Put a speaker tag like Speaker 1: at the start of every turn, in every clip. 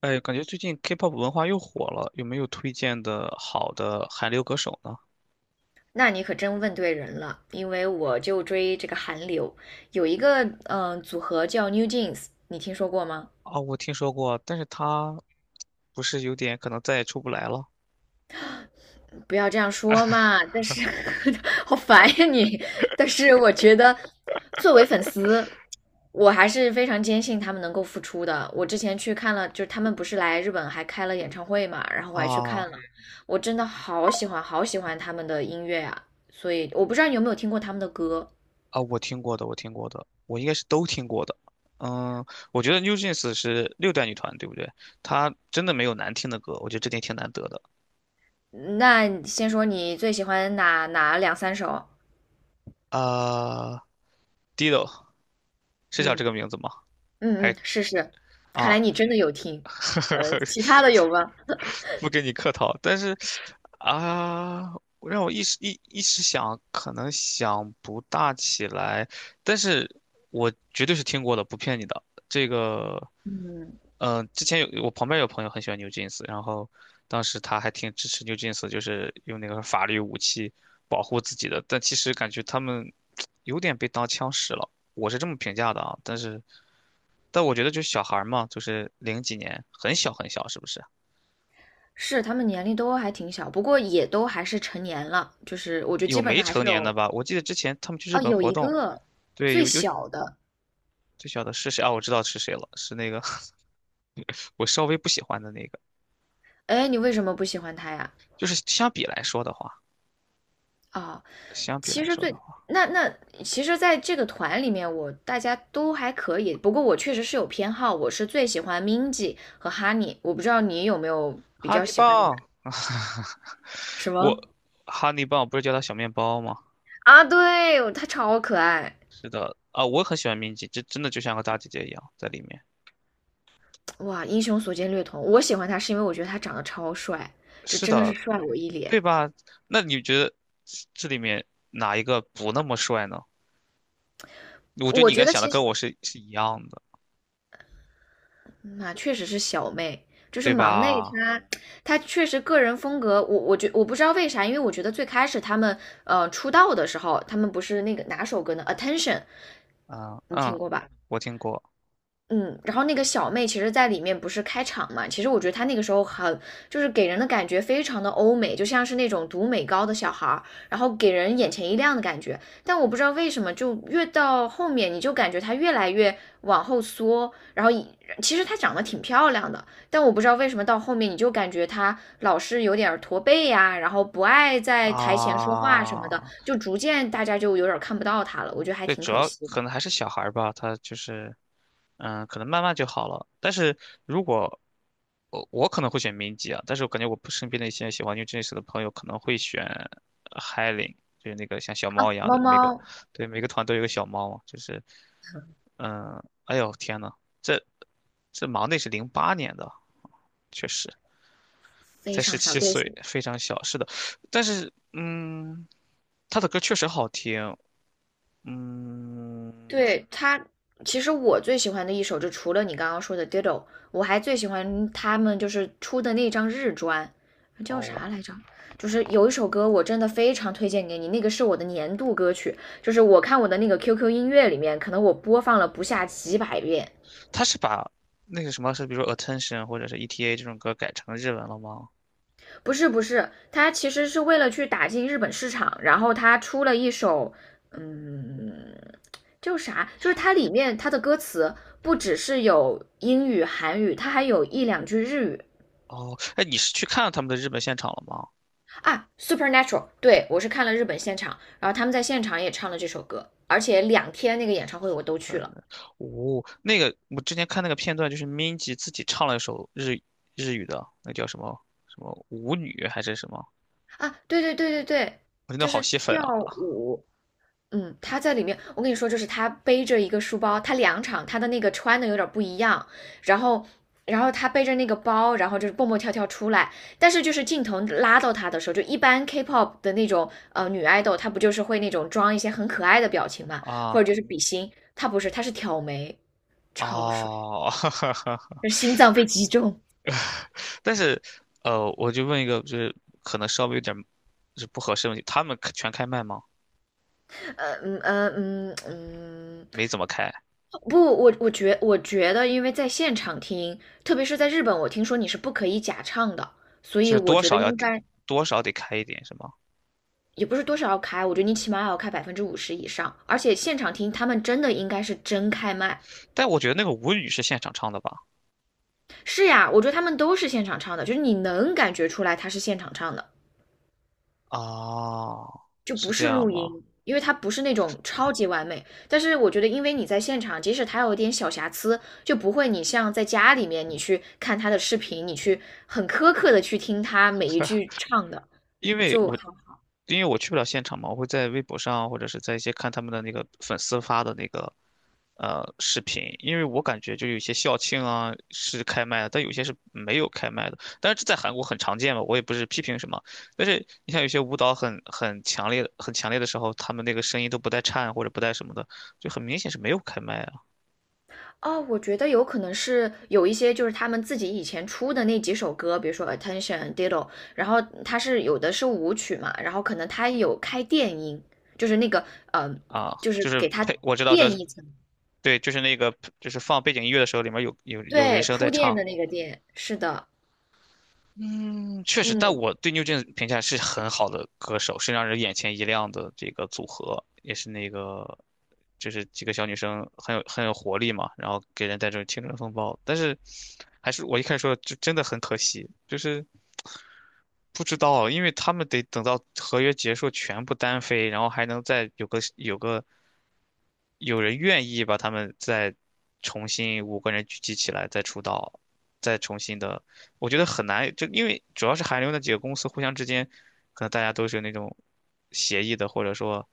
Speaker 1: 哎，感觉最近 K-pop 文化又火了，有没有推荐的好的韩流歌手呢？
Speaker 2: 那你可真问对人了，因为我就追这个韩流，有一个组合叫 New Jeans，你听说过吗？
Speaker 1: 啊，我听说过，但是他不是有点可能再也出不来了。
Speaker 2: 不要这样说嘛，但 是 好烦呀你。但是我觉得，作为粉丝，我还是非常坚信他们能够复出的。我之前去看了，就是他们不是来日本还开了演唱会嘛，然后我还去
Speaker 1: 啊
Speaker 2: 看了，我真的好喜欢好喜欢他们的音乐啊。所以我不知道你有没有听过他们的歌。
Speaker 1: 啊！我听过的，我听过的，我应该是都听过的。嗯，我觉得 NewJeans 是6代女团，对不对？她真的没有难听的歌，我觉得这点挺难得的。
Speaker 2: 那先说你最喜欢哪两三首？
Speaker 1: 啊， d i d o 是叫这
Speaker 2: 嗯
Speaker 1: 个名字吗？
Speaker 2: 嗯
Speaker 1: 还，
Speaker 2: 嗯，是是，看来
Speaker 1: 啊，
Speaker 2: 你真的有听。呃，其他 的
Speaker 1: 不
Speaker 2: 有吗？
Speaker 1: 不跟你客套，但是啊，让我一时想，可能想不大起来，但是我绝对是听过的，不骗你的。这个，
Speaker 2: 嗯，
Speaker 1: 之前有我旁边有朋友很喜欢 New Jeans，然后当时他还挺支持 New Jeans，就是用那个法律武器保护自己的，但其实感觉他们 有点被当枪使了。我是这么评价的啊，但是我觉得就是小孩儿嘛，就是零几年，很小很小，是不是？
Speaker 2: 是，他们年龄都还挺小，不过也都还是成年了，就是我觉得基
Speaker 1: 有
Speaker 2: 本
Speaker 1: 没
Speaker 2: 上还是
Speaker 1: 成年的
Speaker 2: 有，
Speaker 1: 吧？我记得之前他们去日
Speaker 2: 哦，
Speaker 1: 本
Speaker 2: 有
Speaker 1: 活
Speaker 2: 一
Speaker 1: 动，
Speaker 2: 个
Speaker 1: 对，
Speaker 2: 最
Speaker 1: 有
Speaker 2: 小的，
Speaker 1: 最小的是谁啊？我知道是谁了，是那个 我稍微不喜欢的那个。
Speaker 2: 哎，你为什么不喜欢他呀？
Speaker 1: 就是相比来说的话，
Speaker 2: 啊、
Speaker 1: 相比
Speaker 2: 其
Speaker 1: 来
Speaker 2: 实
Speaker 1: 说的
Speaker 2: 最
Speaker 1: 话，
Speaker 2: 那那其实，在这个团里面，我大家都还可以。不过我确实是有偏好，我是最喜欢 m i n g i 和 Honey。我不知道你有没有比
Speaker 1: 哈
Speaker 2: 较
Speaker 1: 尼
Speaker 2: 喜欢的人？
Speaker 1: 棒，
Speaker 2: 什
Speaker 1: 我
Speaker 2: 么？
Speaker 1: 哈尼棒不是叫它小面包吗？
Speaker 2: 啊，对，他超可爱，
Speaker 1: 是的，啊，我很喜欢明吉，这真的就像个大姐姐一样在里面。
Speaker 2: 哇，英雄所见略同。我喜欢他是因为我觉得他长得超帅，这
Speaker 1: 是
Speaker 2: 真的是
Speaker 1: 的，
Speaker 2: 帅我一脸。
Speaker 1: 对吧？那你觉得这里面哪一个不那么帅呢？我觉得你
Speaker 2: 我
Speaker 1: 应
Speaker 2: 觉
Speaker 1: 该
Speaker 2: 得
Speaker 1: 想的
Speaker 2: 其实
Speaker 1: 跟我是一样的，
Speaker 2: 那确实是小妹，就是
Speaker 1: 对
Speaker 2: 忙内
Speaker 1: 吧？
Speaker 2: 她，她确实个人风格，我不知道为啥，因为我觉得最开始他们出道的时候，他们不是那个哪首歌呢？Attention,
Speaker 1: 嗯
Speaker 2: 你
Speaker 1: 嗯，
Speaker 2: 听过吧？
Speaker 1: 我听过。
Speaker 2: 嗯，然后那个小妹其实，在里面不是开场嘛？其实我觉得她那个时候很，就是给人的感觉非常的欧美，就像是那种读美高的小孩儿，然后给人眼前一亮的感觉。但我不知道为什么，就越到后面，你就感觉她越来越往后缩，然后其实她长得挺漂亮的，但我不知道为什么到后面，你就感觉她老是有点儿驼背呀、然后不爱在台前说话什么的，
Speaker 1: 啊，
Speaker 2: 就逐渐大家就有点儿看不到她了，我觉得还
Speaker 1: 对，
Speaker 2: 挺
Speaker 1: 主
Speaker 2: 可
Speaker 1: 要
Speaker 2: 惜的
Speaker 1: 可能还是小孩儿吧，他就是，嗯，可能慢慢就好了。但是如果我可能会选民籍啊，但是我感觉我身边的一些喜欢 New Jeans 的朋友可能会选 Hailing，就是那个像小猫
Speaker 2: 啊。
Speaker 1: 一样
Speaker 2: 猫
Speaker 1: 的，
Speaker 2: 猫
Speaker 1: 对每个团都有个小猫嘛，就是嗯，哎呦天呐，这这忙内是08年的，确实
Speaker 2: 非
Speaker 1: 才十
Speaker 2: 常小
Speaker 1: 七
Speaker 2: 队
Speaker 1: 岁，非常小。是的，但是嗯，他的歌确实好听，嗯。
Speaker 2: 对，他，其实我最喜欢的一首，就除了你刚刚说的《Diddle》,我还最喜欢他们就是出的那张日专，叫
Speaker 1: 哦，
Speaker 2: 啥来着？就是有一首歌，我真的非常推荐给你，那个是我的年度歌曲，就是我看我的那个 QQ 音乐里面，可能我播放了不下几百遍。
Speaker 1: 他是把那个什么是，比如说 attention 或者是 ETA 这种歌改成日文了吗？
Speaker 2: 不是不是，他其实是为了去打进日本市场，然后他出了一首，嗯，叫啥，就是它里面它的歌词不只是有英语、韩语，它还有一两句日语
Speaker 1: 哦，哎，你是去看了他们的日本现场了吗
Speaker 2: 啊。Supernatural,对我是看了日本现场，然后他们在现场也唱了这首歌，而且两天那个演唱会我都
Speaker 1: ？Super，
Speaker 2: 去了
Speaker 1: 呢。哦，那个我之前看那个片段，就是 Minji 自己唱了一首日语的，那叫什么什么舞女还是什么？
Speaker 2: 啊。对对对对对，
Speaker 1: 我真的
Speaker 2: 就
Speaker 1: 好
Speaker 2: 是
Speaker 1: 吸粉
Speaker 2: 跳
Speaker 1: 啊。
Speaker 2: 舞，他在里面，我跟你说，就是他背着一个书包，他两场他的那个穿的有点不一样，然后，然后他背着那个包，然后就是蹦蹦跳跳出来，但是就是镜头拉到他的时候，就一般 K-pop 的那种女爱豆，她不就是会那种装一些很可爱的表情嘛，
Speaker 1: 啊
Speaker 2: 或者就是比心，她不是，她是挑眉，超帅，
Speaker 1: 哦，
Speaker 2: 就是心脏被击中。
Speaker 1: 但是我就问一个，就是可能稍微有点就是不合适的问题，他们全开麦吗？
Speaker 2: 呃嗯呃嗯嗯，
Speaker 1: 没怎么开。
Speaker 2: 不，我觉得,因为在现场听，特别是在日本，我听说你是不可以假唱的，所
Speaker 1: 就
Speaker 2: 以
Speaker 1: 是
Speaker 2: 我觉得应该
Speaker 1: 多少得开一点是吗？
Speaker 2: 也不是多少要开，我觉得你起码要开50%以上，而且现场听他们真的应该是真开麦。
Speaker 1: 但我觉得那个舞女是现场唱的吧？
Speaker 2: 是呀，我觉得他们都是现场唱的，就是你能感觉出来他是现场唱的。
Speaker 1: 啊，
Speaker 2: 就
Speaker 1: 是
Speaker 2: 不
Speaker 1: 这
Speaker 2: 是
Speaker 1: 样
Speaker 2: 录
Speaker 1: 吗？
Speaker 2: 音，因为它不是那种超级完美。但是我觉得，因为你在现场，即使它有一点小瑕疵，就不会你像在家里面你去看他的视频，你去很苛刻的去听他每一句唱的。
Speaker 1: 因为
Speaker 2: 就好
Speaker 1: 我因为我去不了现场嘛，我会在微博上或者是在一些看他们的那个粉丝发的那个视频，因为我感觉就有一些校庆啊是开麦的，但有些是没有开麦的。但是这在韩国很常见嘛，我也不是批评什么。但是你像有些舞蹈很强烈、很强烈的时候，他们那个声音都不带颤或者不带什么的，就很明显是没有开麦啊。
Speaker 2: 哦，我觉得有可能是有一些就是他们自己以前出的那几首歌，比如说《Attention》、《Diddle》,然后它是有的是舞曲嘛，然后可能它有开电音，就是那个
Speaker 1: 啊，
Speaker 2: 就是
Speaker 1: 就是
Speaker 2: 给它
Speaker 1: 配，我知道这，
Speaker 2: 垫一层，
Speaker 1: 对，就是那个，就是放背景音乐的时候，里面有人
Speaker 2: 对，
Speaker 1: 声在
Speaker 2: 铺垫
Speaker 1: 唱。
Speaker 2: 的那个垫，是的。
Speaker 1: 嗯，确实，但
Speaker 2: 嗯
Speaker 1: 我对 n e w 评价是很好的歌手，是让人眼前一亮的这个组合，也是那个，就是几个小女生很有活力嘛，然后给人带这种青春风暴。但是，还是我一开始说，就真的很可惜，就是不知道，因为他们得等到合约结束全部单飞，然后还能再有人愿意把他们再重新五个人聚集起来再出道，再重新的，我觉得很难，就因为主要是韩流那几个公司互相之间，可能大家都是有那种协议的，或者说，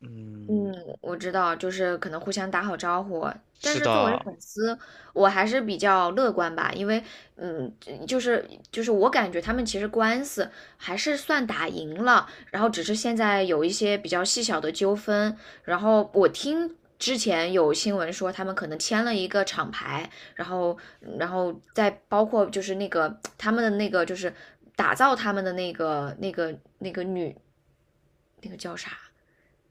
Speaker 1: 嗯，
Speaker 2: 嗯，我知道，就是可能互相打好招呼。但
Speaker 1: 是
Speaker 2: 是作为
Speaker 1: 的。
Speaker 2: 粉丝，我还是比较乐观吧，因为嗯，就是我感觉他们其实官司还是算打赢了，然后只是现在有一些比较细小的纠纷。然后我听之前有新闻说他们可能签了一个厂牌，然后再包括就是那个他们的那个就是打造他们的那个那个那个女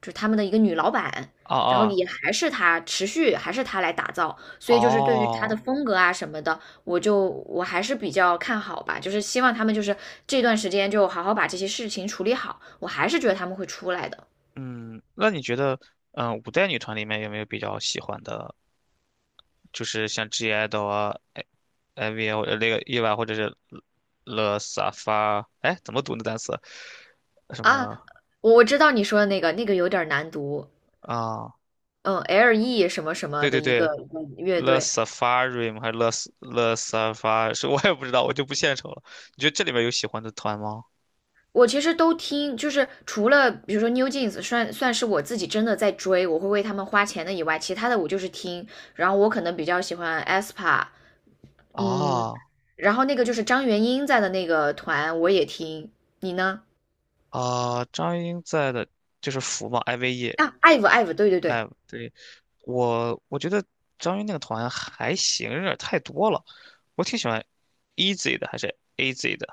Speaker 2: 就是他们的一个女老板，
Speaker 1: 啊
Speaker 2: 然后
Speaker 1: 啊，
Speaker 2: 也还是她，持续还是她来打造，所以就是对于她
Speaker 1: 哦，
Speaker 2: 的风格啊什么的，我还是比较看好吧，就是希望他们就是这段时间就好好把这些事情处理好，我还是觉得他们会出来的
Speaker 1: 嗯，那你觉得，嗯，5代女团里面有没有比较喜欢的，就是像 G IDOL 啊，I V 啊，或者那个 e v 或者是 l 萨 SAFA，哎，怎么读那单词？什
Speaker 2: 啊。
Speaker 1: 么
Speaker 2: 我知道你说的那个，那个有点难读，
Speaker 1: 啊？
Speaker 2: 嗯，L.E 什么什么
Speaker 1: 对
Speaker 2: 的
Speaker 1: 对
Speaker 2: 一
Speaker 1: 对
Speaker 2: 个一个乐
Speaker 1: ，Le
Speaker 2: 队，
Speaker 1: Safari 吗？还是 Le s a f a r 是 我也不知道，我就不献丑了。你觉得这里面有喜欢的团吗？
Speaker 2: 我其实都听，就是除了比如说 New Jeans 算是我自己真的在追，我会为他们花钱的以外，其他的我就是听。然后我可能比较喜欢 aespa,嗯，
Speaker 1: 啊
Speaker 2: 然后那个就是张元英在的那个团我也听。你呢？
Speaker 1: 啊，张英在的就是福嘛，IVE。
Speaker 2: 啊，IVE IVE,对对对，
Speaker 1: 哎，对我觉得张英那个团还行，有点太多了。我挺喜欢 e a s y 的，还是 AZ 的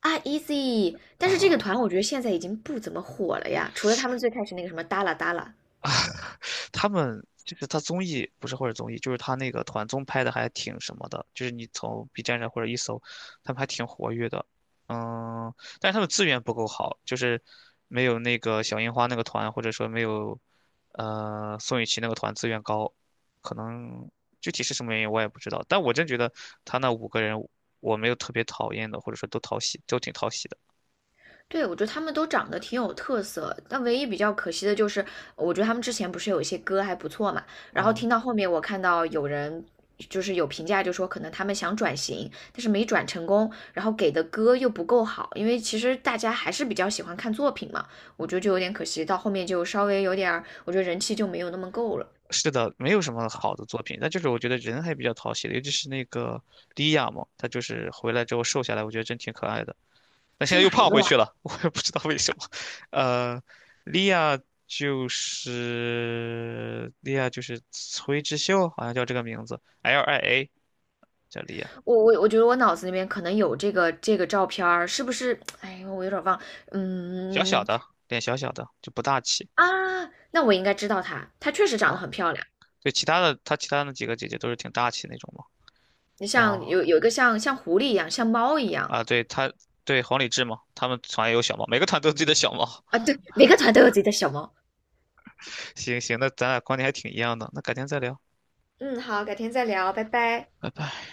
Speaker 2: 啊 Easy。但是这个
Speaker 1: 啊？
Speaker 2: 团我觉得现在已经不怎么火了呀，除了他们最开始那个什么哒啦哒啦，
Speaker 1: 他们就是他综艺不是或者综艺，就是他那个团综拍的还挺什么的，就是你从 B 站上或者一搜，他们还挺活跃的。嗯，但是他们资源不够好，就是没有那个小樱花那个团，或者说没有宋雨琦那个团资源高，可能具体是什么原因我也不知道。但我真觉得他那五个人，我没有特别讨厌的，或者说都讨喜，都挺讨喜的
Speaker 2: 对，我觉得他们都长得挺有特色，但唯一比较可惜的就是，我觉得他们之前不是有一些歌还不错嘛，然后听
Speaker 1: 啊。
Speaker 2: 到后面我看到有人就是有评价就说可能他们想转型，但是没转成功，然后给的歌又不够好，因为其实大家还是比较喜欢看作品嘛，我觉得就有点可惜，到后面就稍微有点儿我觉得人气就没有那么够了。
Speaker 1: 是的，没有什么好的作品，但就是我觉得人还比较讨喜的，尤其是那个莉亚嘛，她就是回来之后瘦下来，我觉得真挺可爱的。但现
Speaker 2: 是
Speaker 1: 在又
Speaker 2: 哪一
Speaker 1: 胖
Speaker 2: 个
Speaker 1: 回
Speaker 2: 呀？
Speaker 1: 去了，我也不知道为什么。呃，莉亚就是崔智秀，好像叫这个名字，LIA 叫莉亚，
Speaker 2: 我觉得我脑子里面可能有这个照片儿是不是？哎，我有点儿忘。
Speaker 1: 小小
Speaker 2: 嗯，
Speaker 1: 的，脸小小的，就不大气
Speaker 2: 啊，那我应该知道它，它确实长
Speaker 1: 啊。
Speaker 2: 得很漂亮。
Speaker 1: 对，其他的她其他的几个姐姐都是挺大气那种嘛。
Speaker 2: 你
Speaker 1: 然
Speaker 2: 像
Speaker 1: 后
Speaker 2: 有一个像狐狸一样，像猫一样
Speaker 1: 啊，对黄礼志嘛，他们团也有小猫，每个团都有自己的小猫。
Speaker 2: 啊，对，每个团都有自己的小猫。
Speaker 1: 行行，那咱俩观点还挺一样的，那改天再聊，
Speaker 2: 嗯，好，改天再聊，拜拜。
Speaker 1: 拜拜。